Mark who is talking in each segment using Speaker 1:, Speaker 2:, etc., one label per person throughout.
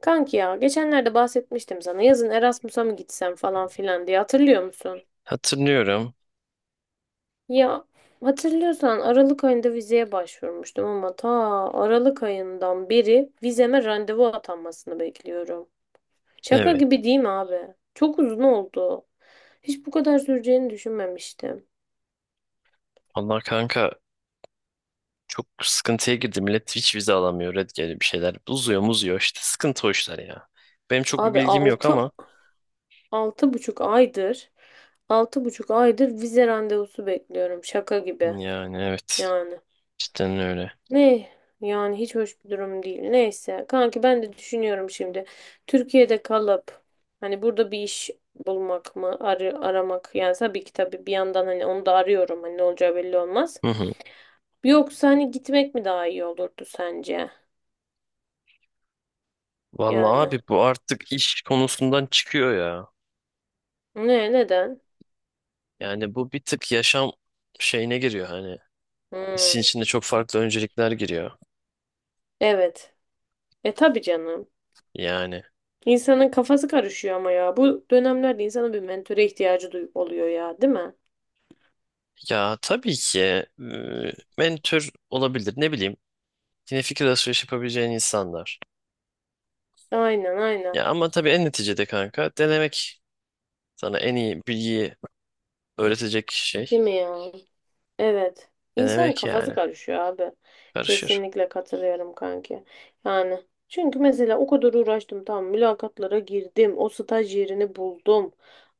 Speaker 1: Kanki ya geçenlerde bahsetmiştim sana yazın Erasmus'a mı gitsem falan filan diye hatırlıyor musun?
Speaker 2: Hatırlıyorum.
Speaker 1: Ya hatırlıyorsan Aralık ayında vizeye başvurmuştum ama ta Aralık ayından beri vizeme randevu atanmasını bekliyorum. Şaka
Speaker 2: Evet.
Speaker 1: gibi değil mi abi? Çok uzun oldu. Hiç bu kadar süreceğini düşünmemiştim.
Speaker 2: Vallahi kanka çok sıkıntıya girdi. Millet hiç vize alamıyor. Red geliyor bir şeyler. Uzuyor muzuyor işte. Sıkıntı o işler ya. Benim çok bir
Speaker 1: Abi
Speaker 2: bilgim yok ama
Speaker 1: altı buçuk aydır altı buçuk aydır vize randevusu bekliyorum. Şaka gibi
Speaker 2: yani evet.
Speaker 1: yani.
Speaker 2: Cidden öyle.
Speaker 1: Ne? Yani hiç hoş bir durum değil. Neyse. Kanki ben de düşünüyorum şimdi. Türkiye'de kalıp hani burada bir iş bulmak mı, aramak yani tabii ki tabii bir yandan hani onu da arıyorum. Hani ne olacağı belli olmaz.
Speaker 2: Hı hı.
Speaker 1: Yoksa hani gitmek mi daha iyi olurdu sence?
Speaker 2: Vallahi
Speaker 1: Yani.
Speaker 2: abi bu artık iş konusundan çıkıyor ya.
Speaker 1: Ne? Neden?
Speaker 2: Yani bu bir tık yaşam şeyine giriyor hani. İşin içinde
Speaker 1: Hmm.
Speaker 2: çok farklı öncelikler giriyor.
Speaker 1: Evet. E tabii canım.
Speaker 2: Yani
Speaker 1: İnsanın kafası karışıyor ama ya. Bu dönemlerde insanın bir mentöre ihtiyacı duy oluyor ya, değil mi?
Speaker 2: ya tabii ki mentor olabilir. Ne bileyim. Yine fikir alışverişi yapabileceğin insanlar.
Speaker 1: Aynen, aynen.
Speaker 2: Ya ama tabii en neticede kanka denemek sana en iyi bilgiyi öğretecek şey,
Speaker 1: Değil mi ya? Evet. İnsanın
Speaker 2: denemek
Speaker 1: kafası
Speaker 2: yani.
Speaker 1: karışıyor abi.
Speaker 2: Karışır.
Speaker 1: Kesinlikle katılıyorum kanki. Yani çünkü mesela o kadar uğraştım tamam mülakatlara girdim. O staj yerini buldum.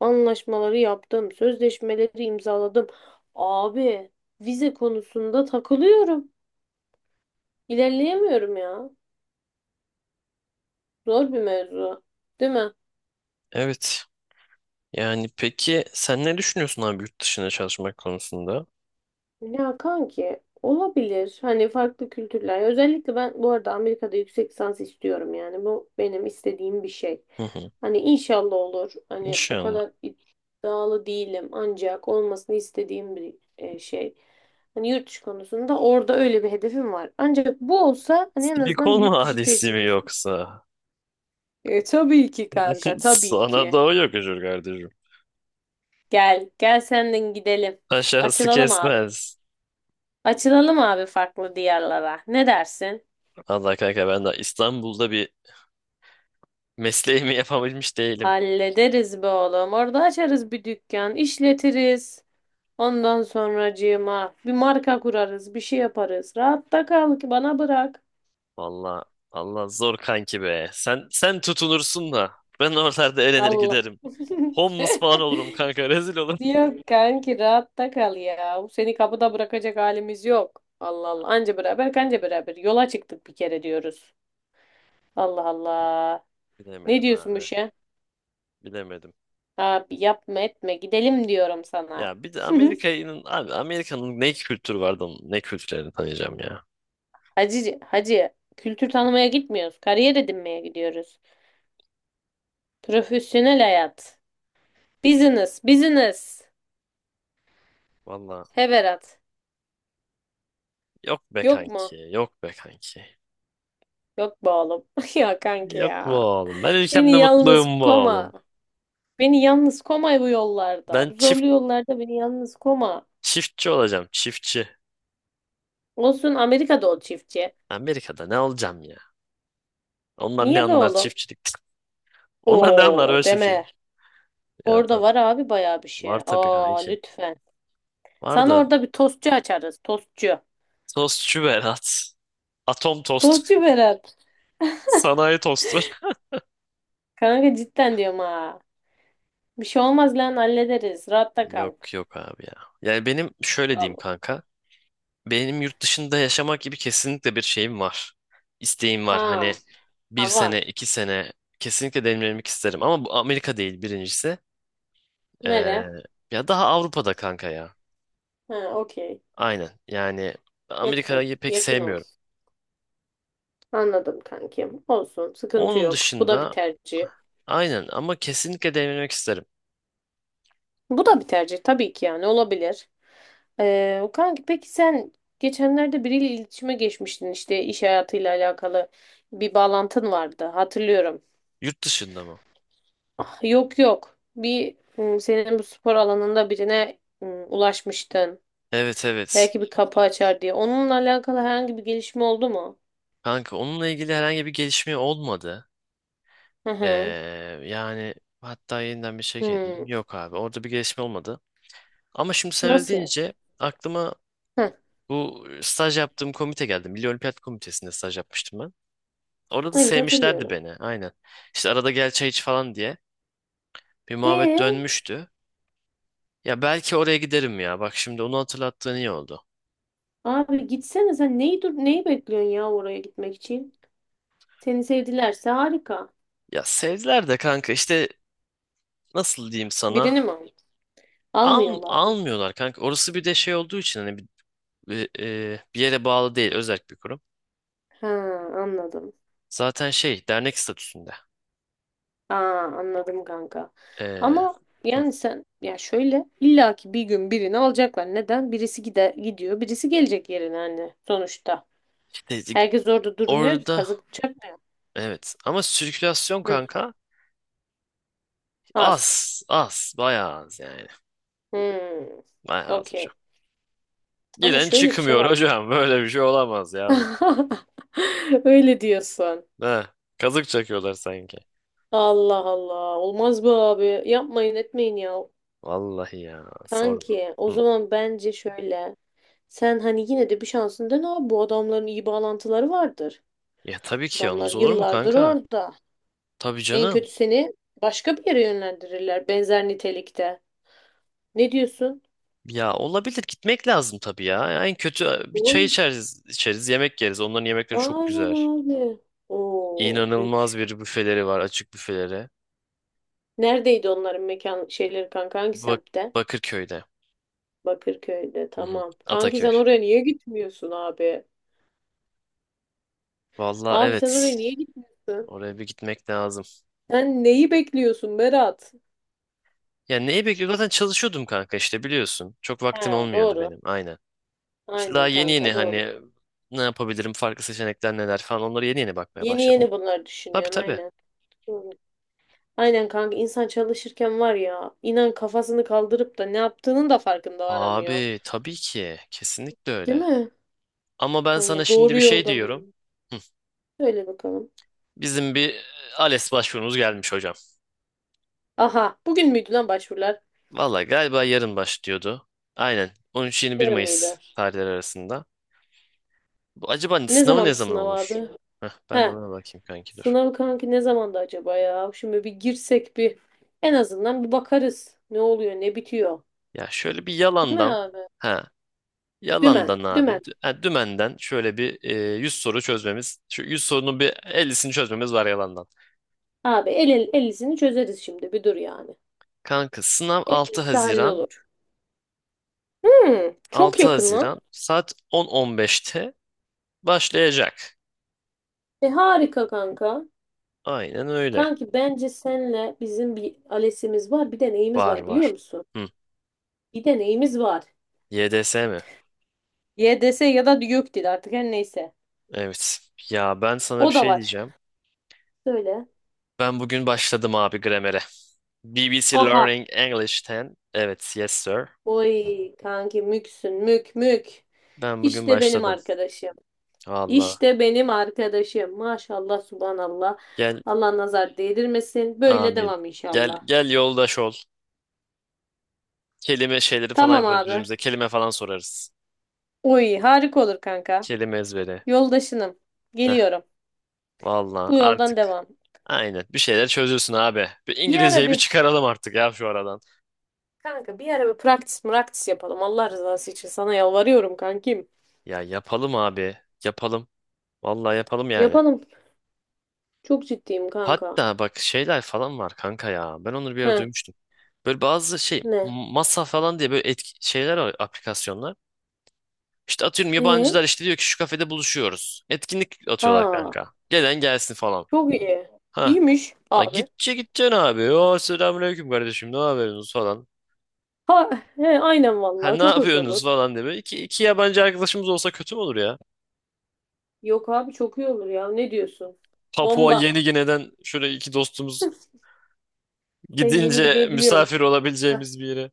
Speaker 1: Anlaşmaları yaptım. Sözleşmeleri imzaladım. Abi vize konusunda takılıyorum. İlerleyemiyorum ya. Zor bir mevzu. Değil mi?
Speaker 2: Evet. Yani peki sen ne düşünüyorsun abi yurt dışına çalışmak konusunda?
Speaker 1: Ya kanki olabilir. Hani farklı kültürler. Özellikle ben bu arada Amerika'da yüksek lisans istiyorum yani. Bu benim istediğim bir şey.
Speaker 2: Hı hı.
Speaker 1: Hani inşallah olur. Hani o
Speaker 2: İnşallah.
Speaker 1: kadar iddialı değilim ancak olmasını istediğim bir şey. Hani yurt dışı konusunda orada öyle bir hedefim var. Ancak bu olsa hani en azından
Speaker 2: Silikon
Speaker 1: bir yurt dışı
Speaker 2: vadisi mi
Speaker 1: tecrübesi.
Speaker 2: yoksa?
Speaker 1: E, tabii ki kanka, tabii
Speaker 2: Sana
Speaker 1: ki.
Speaker 2: doğu yakışır kardeşim.
Speaker 1: Gel, gel senden gidelim.
Speaker 2: Aşağısı
Speaker 1: Açılalım abi.
Speaker 2: kesmez.
Speaker 1: Açılalım abi farklı diyarlara. Ne dersin?
Speaker 2: Allah kanka ben de İstanbul'da bir mesleğimi yapabilmiş değilim.
Speaker 1: Hallederiz be oğlum. Orada açarız bir dükkan, işletiriz. Ondan sonracığıma bir marka kurarız, bir şey yaparız. Rahatta kal ki bana bırak.
Speaker 2: Valla Allah zor kanki be. Sen tutunursun da ben oralarda elenir
Speaker 1: Allah.
Speaker 2: giderim. Homeless falan olurum kanka, rezil olurum.
Speaker 1: Yok kanki rahatta kal ya. Seni kapıda bırakacak halimiz yok. Allah Allah. Anca beraber kanca beraber. Yola çıktık bir kere diyoruz. Allah Allah. Ne
Speaker 2: Bilemedim
Speaker 1: diyorsun bu
Speaker 2: abi.
Speaker 1: şey?
Speaker 2: Bilemedim.
Speaker 1: Abi yapma etme gidelim diyorum sana.
Speaker 2: Ya bir de Amerika'nın abi, Amerika'nın ne kültürü vardı onun, ne kültürlerini tanıyacağım ya.
Speaker 1: Hacı, hacı kültür tanımaya gitmiyoruz. Kariyer edinmeye gidiyoruz. Profesyonel hayat. Business, business.
Speaker 2: Valla
Speaker 1: He Berat.
Speaker 2: yok be
Speaker 1: Yok mu?
Speaker 2: kanki, yok be kanki.
Speaker 1: Yok be oğlum. Ya kanki
Speaker 2: Yok bu
Speaker 1: ya.
Speaker 2: oğlum. Ben
Speaker 1: Beni
Speaker 2: ülkemde
Speaker 1: yalnız
Speaker 2: mutluyum bu
Speaker 1: koma.
Speaker 2: oğlum.
Speaker 1: Beni yalnız koma bu yollarda.
Speaker 2: Ben
Speaker 1: Bu zorlu yollarda beni yalnız koma.
Speaker 2: çiftçi olacağım, çiftçi.
Speaker 1: Olsun Amerika'da ol çiftçi.
Speaker 2: Amerika'da ne olacağım ya? Onlar ne
Speaker 1: Niye be
Speaker 2: anlar
Speaker 1: oğlum?
Speaker 2: çiftçilikten? Onlar ne anlar böyle
Speaker 1: Oo deme.
Speaker 2: çiftçilik? Ya
Speaker 1: Orada
Speaker 2: tabii.
Speaker 1: var abi bayağı bir şey.
Speaker 2: Var tabii
Speaker 1: Aa
Speaker 2: kanki.
Speaker 1: lütfen.
Speaker 2: Var
Speaker 1: Sana
Speaker 2: da.
Speaker 1: orada bir tostçu açarız. Tostçu.
Speaker 2: Tostçu Berat. Atom tost.
Speaker 1: Tostçu Berat.
Speaker 2: Sanayi tostu.
Speaker 1: Kanka cidden diyorum ha. Bir şey olmaz lan hallederiz. Rahatta kal.
Speaker 2: Yok yok abi ya. Yani benim şöyle diyeyim
Speaker 1: Al.
Speaker 2: kanka. Benim yurt dışında yaşamak gibi kesinlikle bir şeyim var. İsteğim var. Hani
Speaker 1: Ha.
Speaker 2: bir
Speaker 1: Ha var.
Speaker 2: sene, iki sene kesinlikle deneyimlemek isterim. Ama bu Amerika değil birincisi.
Speaker 1: Nere?
Speaker 2: Ee, ya daha Avrupa'da kanka ya.
Speaker 1: Ha okey.
Speaker 2: Aynen. Yani
Speaker 1: Yakın.
Speaker 2: Amerika'yı pek
Speaker 1: Yakın
Speaker 2: sevmiyorum.
Speaker 1: olsun. Anladım kankim. Olsun. Sıkıntı
Speaker 2: Onun
Speaker 1: yok. Bu da bir
Speaker 2: dışında
Speaker 1: tercih.
Speaker 2: aynen, ama kesinlikle deneyimlemek isterim.
Speaker 1: Bu da bir tercih tabii ki yani olabilir. Kanki peki sen geçenlerde biriyle iletişime geçmiştin işte iş hayatıyla alakalı bir bağlantın vardı hatırlıyorum.
Speaker 2: Yurt dışında mı?
Speaker 1: Ah, yok yok. Senin bu spor alanında birine ulaşmıştın.
Speaker 2: Evet, evet.
Speaker 1: Belki bir kapı açar diye. Onunla alakalı herhangi bir gelişme oldu mu?
Speaker 2: Kanka onunla ilgili herhangi bir gelişme olmadı.
Speaker 1: Hı
Speaker 2: Ee,
Speaker 1: hı.
Speaker 2: yani hatta yeniden bir şey edeyim.
Speaker 1: Hı.
Speaker 2: Yok abi, orada bir gelişme olmadı. Ama şimdi sen öyle
Speaker 1: Nasıl ya?
Speaker 2: deyince aklıma bu staj yaptığım komite geldi. Milli Olimpiyat Komitesi'nde staj yapmıştım ben. Orada da
Speaker 1: Evet
Speaker 2: sevmişlerdi
Speaker 1: hatırlıyorum.
Speaker 2: beni, aynen. İşte arada gel çay iç falan diye bir muhabbet
Speaker 1: E
Speaker 2: dönmüştü. Ya belki oraya giderim ya. Bak, şimdi onu hatırlattığın iyi oldu.
Speaker 1: abi gitsene sen neyi dur neyi bekliyorsun ya oraya gitmek için? Seni sevdilerse harika.
Speaker 2: Ya sevdiler de kanka, işte nasıl diyeyim
Speaker 1: Birini
Speaker 2: sana?
Speaker 1: mi al- almıyorlar mı?
Speaker 2: Almıyorlar kanka. Orası bir de şey olduğu için, hani bir yere bağlı değil. Özel bir kurum.
Speaker 1: Ha anladım.
Speaker 2: Zaten şey, dernek statüsünde.
Speaker 1: Aa anladım kanka.
Speaker 2: E,
Speaker 1: Ama
Speaker 2: hı,
Speaker 1: yani sen ya şöyle illaki bir gün birini alacaklar. Neden? Birisi gide gidiyor, birisi gelecek yerine hani sonuçta.
Speaker 2: işte
Speaker 1: Herkes orada durmuyor ki
Speaker 2: orada,
Speaker 1: kazık çakmıyor.
Speaker 2: evet. Ama sirkülasyon
Speaker 1: Hı,
Speaker 2: kanka
Speaker 1: az.
Speaker 2: az. Az. Bayağı az yani.
Speaker 1: Hmm,
Speaker 2: Bayağı az
Speaker 1: okey.
Speaker 2: hocam.
Speaker 1: Ama
Speaker 2: Gelen
Speaker 1: şöyle bir şey
Speaker 2: çıkmıyor
Speaker 1: var.
Speaker 2: hocam. Böyle bir şey olamaz ya, bu.
Speaker 1: Öyle diyorsun.
Speaker 2: He, kazık çakıyorlar sanki.
Speaker 1: Allah Allah. Olmaz be abi. Yapmayın etmeyin ya.
Speaker 2: Vallahi ya. Sorma.
Speaker 1: Kanki o
Speaker 2: Hı.
Speaker 1: zaman bence şöyle. Sen hani yine de bir şansın dene abi. Bu adamların iyi bağlantıları vardır.
Speaker 2: Ya tabii ki,
Speaker 1: Adamlar
Speaker 2: olmaz olur mu
Speaker 1: yıllardır
Speaker 2: kanka?
Speaker 1: orada.
Speaker 2: Tabii
Speaker 1: En
Speaker 2: canım.
Speaker 1: kötü seni başka bir yere yönlendirirler benzer nitelikte. Ne diyorsun?
Speaker 2: Ya olabilir, gitmek lazım tabii ya. En kötü bir çay
Speaker 1: Oğlum,
Speaker 2: içeriz, içeriz, yemek yeriz. Onların yemekleri çok
Speaker 1: aynen
Speaker 2: güzel.
Speaker 1: abi. Oo,
Speaker 2: İnanılmaz
Speaker 1: bük.
Speaker 2: bir büfeleri var, açık büfeleri.
Speaker 1: Neredeydi onların mekan şeyleri kanka? Hangi
Speaker 2: Bak
Speaker 1: semtte?
Speaker 2: Bakırköy'de.
Speaker 1: Bakırköy'de.
Speaker 2: Hı hı.
Speaker 1: Tamam. Kanki
Speaker 2: Ataköy.
Speaker 1: sen oraya niye gitmiyorsun abi?
Speaker 2: Valla
Speaker 1: Abi sen
Speaker 2: evet.
Speaker 1: oraya niye gitmiyorsun?
Speaker 2: Oraya bir gitmek lazım.
Speaker 1: Sen neyi bekliyorsun Berat?
Speaker 2: Ya neyi bekliyorum? Zaten çalışıyordum kanka, işte biliyorsun. Çok vaktim
Speaker 1: Ha,
Speaker 2: olmuyordu
Speaker 1: doğru.
Speaker 2: benim. Aynen. İşte daha
Speaker 1: Aynen
Speaker 2: yeni yeni
Speaker 1: kanka doğru.
Speaker 2: hani ne yapabilirim, farklı seçenekler neler falan, onları yeni yeni bakmaya
Speaker 1: Yeni
Speaker 2: başladım.
Speaker 1: yeni bunları
Speaker 2: Tabii,
Speaker 1: düşünüyorsun
Speaker 2: tabii.
Speaker 1: aynen. Doğru. Aynen kanka insan çalışırken var ya inan kafasını kaldırıp da ne yaptığının da farkında varamıyor.
Speaker 2: Abi tabii ki. Kesinlikle
Speaker 1: Değil
Speaker 2: öyle.
Speaker 1: mi?
Speaker 2: Ama ben sana
Speaker 1: Hani
Speaker 2: şimdi
Speaker 1: doğru
Speaker 2: bir şey
Speaker 1: yolda
Speaker 2: diyorum.
Speaker 1: mıyım?
Speaker 2: Hı.
Speaker 1: Söyle bakalım.
Speaker 2: Bizim bir ALES başvurumuz gelmiş hocam.
Speaker 1: Aha bugün müydü lan başvurular?
Speaker 2: Valla galiba yarın başlıyordu. Aynen. 13 bir
Speaker 1: Yarın
Speaker 2: Mayıs
Speaker 1: mıydı?
Speaker 2: tarihleri arasında. Bu acaba
Speaker 1: Ne
Speaker 2: sınavı ne
Speaker 1: zamandı
Speaker 2: zaman
Speaker 1: sınav
Speaker 2: olur?
Speaker 1: abi?
Speaker 2: Heh, ben de
Speaker 1: He
Speaker 2: ona bakayım kanki, dur.
Speaker 1: sınav kanki ne zamandı acaba ya? Şimdi bir girsek bir en azından bir bakarız. Ne oluyor ne bitiyor.
Speaker 2: Ya şöyle bir
Speaker 1: Değil mi
Speaker 2: yalandan
Speaker 1: abi?
Speaker 2: ha
Speaker 1: Dümen.
Speaker 2: yalandan abi,
Speaker 1: Dümen.
Speaker 2: dümenden şöyle bir 100 soru çözmemiz. Şu 100 sorunun bir 50'sini çözmemiz var yalandan.
Speaker 1: Abi 50'sini çözeriz şimdi bir dur yani.
Speaker 2: Kanka sınav
Speaker 1: 50'si hallolur. Hmm, çok
Speaker 2: 6
Speaker 1: yakın lan.
Speaker 2: Haziran saat 10.15'te başlayacak.
Speaker 1: E harika kanka.
Speaker 2: Aynen öyle.
Speaker 1: Kanki bence senle bizim bir alesimiz var bir de neyimiz
Speaker 2: Var
Speaker 1: var biliyor
Speaker 2: var.
Speaker 1: musun?
Speaker 2: Hı.
Speaker 1: Bir de neyimiz var.
Speaker 2: YDS mi?
Speaker 1: YDS ya da YÖKDİL artık her neyse.
Speaker 2: Evet. Ya ben sana bir
Speaker 1: O da
Speaker 2: şey
Speaker 1: var.
Speaker 2: diyeceğim.
Speaker 1: Söyle.
Speaker 2: Ben bugün başladım abi gramere. BBC
Speaker 1: Aha.
Speaker 2: Learning English 10. Evet, yes sir.
Speaker 1: Oy kanki müksün mük mük.
Speaker 2: Ben bugün
Speaker 1: İşte benim
Speaker 2: başladım.
Speaker 1: arkadaşım.
Speaker 2: Valla.
Speaker 1: İşte benim arkadaşım. Maşallah subhanallah.
Speaker 2: Gel,
Speaker 1: Allah nazar değdirmesin. Böyle
Speaker 2: amin.
Speaker 1: devam
Speaker 2: Gel,
Speaker 1: inşallah.
Speaker 2: gel yoldaş ol. Kelime şeyleri falan
Speaker 1: Tamam
Speaker 2: yaparız
Speaker 1: abi.
Speaker 2: birbirimize. Kelime falan sorarız.
Speaker 1: Uy, harika olur kanka.
Speaker 2: Kelime ezberi.
Speaker 1: Yoldaşınım.
Speaker 2: Heh,
Speaker 1: Geliyorum.
Speaker 2: valla
Speaker 1: Bu yoldan
Speaker 2: artık.
Speaker 1: devam.
Speaker 2: Aynen. Bir şeyler çözülsün abi. Bir
Speaker 1: Bir ara
Speaker 2: İngilizceyi bir
Speaker 1: bir
Speaker 2: çıkaralım artık ya şu aradan.
Speaker 1: kanka bir ara bir praktis yapalım. Allah rızası için sana yalvarıyorum kankim.
Speaker 2: Ya yapalım abi. Yapalım. Valla yapalım yani.
Speaker 1: Yapalım. Çok ciddiyim kanka.
Speaker 2: Hatta bak şeyler falan var kanka ya. Ben onları bir
Speaker 1: He,
Speaker 2: ara duymuştum. Böyle bazı şey,
Speaker 1: ne?
Speaker 2: masa falan diye, böyle şeyler var, aplikasyonlar. İşte atıyorum
Speaker 1: E?
Speaker 2: yabancılar, işte diyor ki şu kafede buluşuyoruz. Etkinlik atıyorlar
Speaker 1: Aa,
Speaker 2: kanka. Gelen gelsin falan.
Speaker 1: çok iyi.
Speaker 2: Ha.
Speaker 1: İyiymiş
Speaker 2: La
Speaker 1: abi.
Speaker 2: gitçe gideceksin abi. O selamünaleyküm kardeşim, ne yapıyorsunuz falan.
Speaker 1: Ha, he, aynen
Speaker 2: Ha,
Speaker 1: vallahi
Speaker 2: ne
Speaker 1: çok hoş
Speaker 2: yapıyorsunuz
Speaker 1: olur.
Speaker 2: falan diye. Böyle iki yabancı arkadaşımız olsa kötü mü olur ya?
Speaker 1: Yok abi çok iyi olur ya. Ne diyorsun?
Speaker 2: Papua
Speaker 1: Bomba.
Speaker 2: Yeni Gine'den şöyle iki dostumuz,
Speaker 1: Sen yeni
Speaker 2: gidince
Speaker 1: gidebiliyorsun.
Speaker 2: misafir olabileceğimiz bir yere.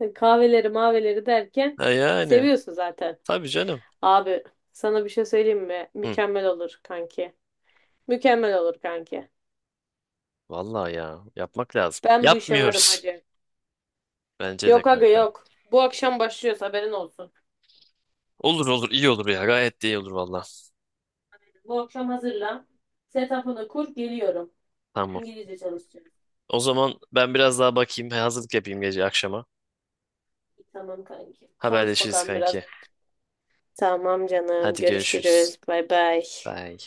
Speaker 1: Heh. Kahveleri maveleri derken
Speaker 2: Ha yani.
Speaker 1: seviyorsun zaten.
Speaker 2: Tabii canım.
Speaker 1: Abi sana bir şey söyleyeyim mi?
Speaker 2: Hı.
Speaker 1: Mükemmel olur kanki. Mükemmel olur kanki.
Speaker 2: Vallahi ya, yapmak lazım.
Speaker 1: Ben bu işe varım
Speaker 2: Yapmıyoruz.
Speaker 1: hacı.
Speaker 2: Bence de
Speaker 1: Yok aga
Speaker 2: kanka.
Speaker 1: yok. Bu akşam başlıyoruz haberin olsun.
Speaker 2: Olur olur, iyi olur ya, gayet de iyi olur valla.
Speaker 1: Bu akşam hazırlan. Setup'ını kur geliyorum.
Speaker 2: Tamam.
Speaker 1: İngilizce çalışacağız.
Speaker 2: O zaman ben biraz daha bakayım, hazırlık yapayım gece akşama.
Speaker 1: Tamam kanki. Çalış
Speaker 2: Haberleşiriz
Speaker 1: bakalım biraz.
Speaker 2: kanki.
Speaker 1: Tamam canım.
Speaker 2: Hadi görüşürüz.
Speaker 1: Görüşürüz. Bay bay.
Speaker 2: Bye.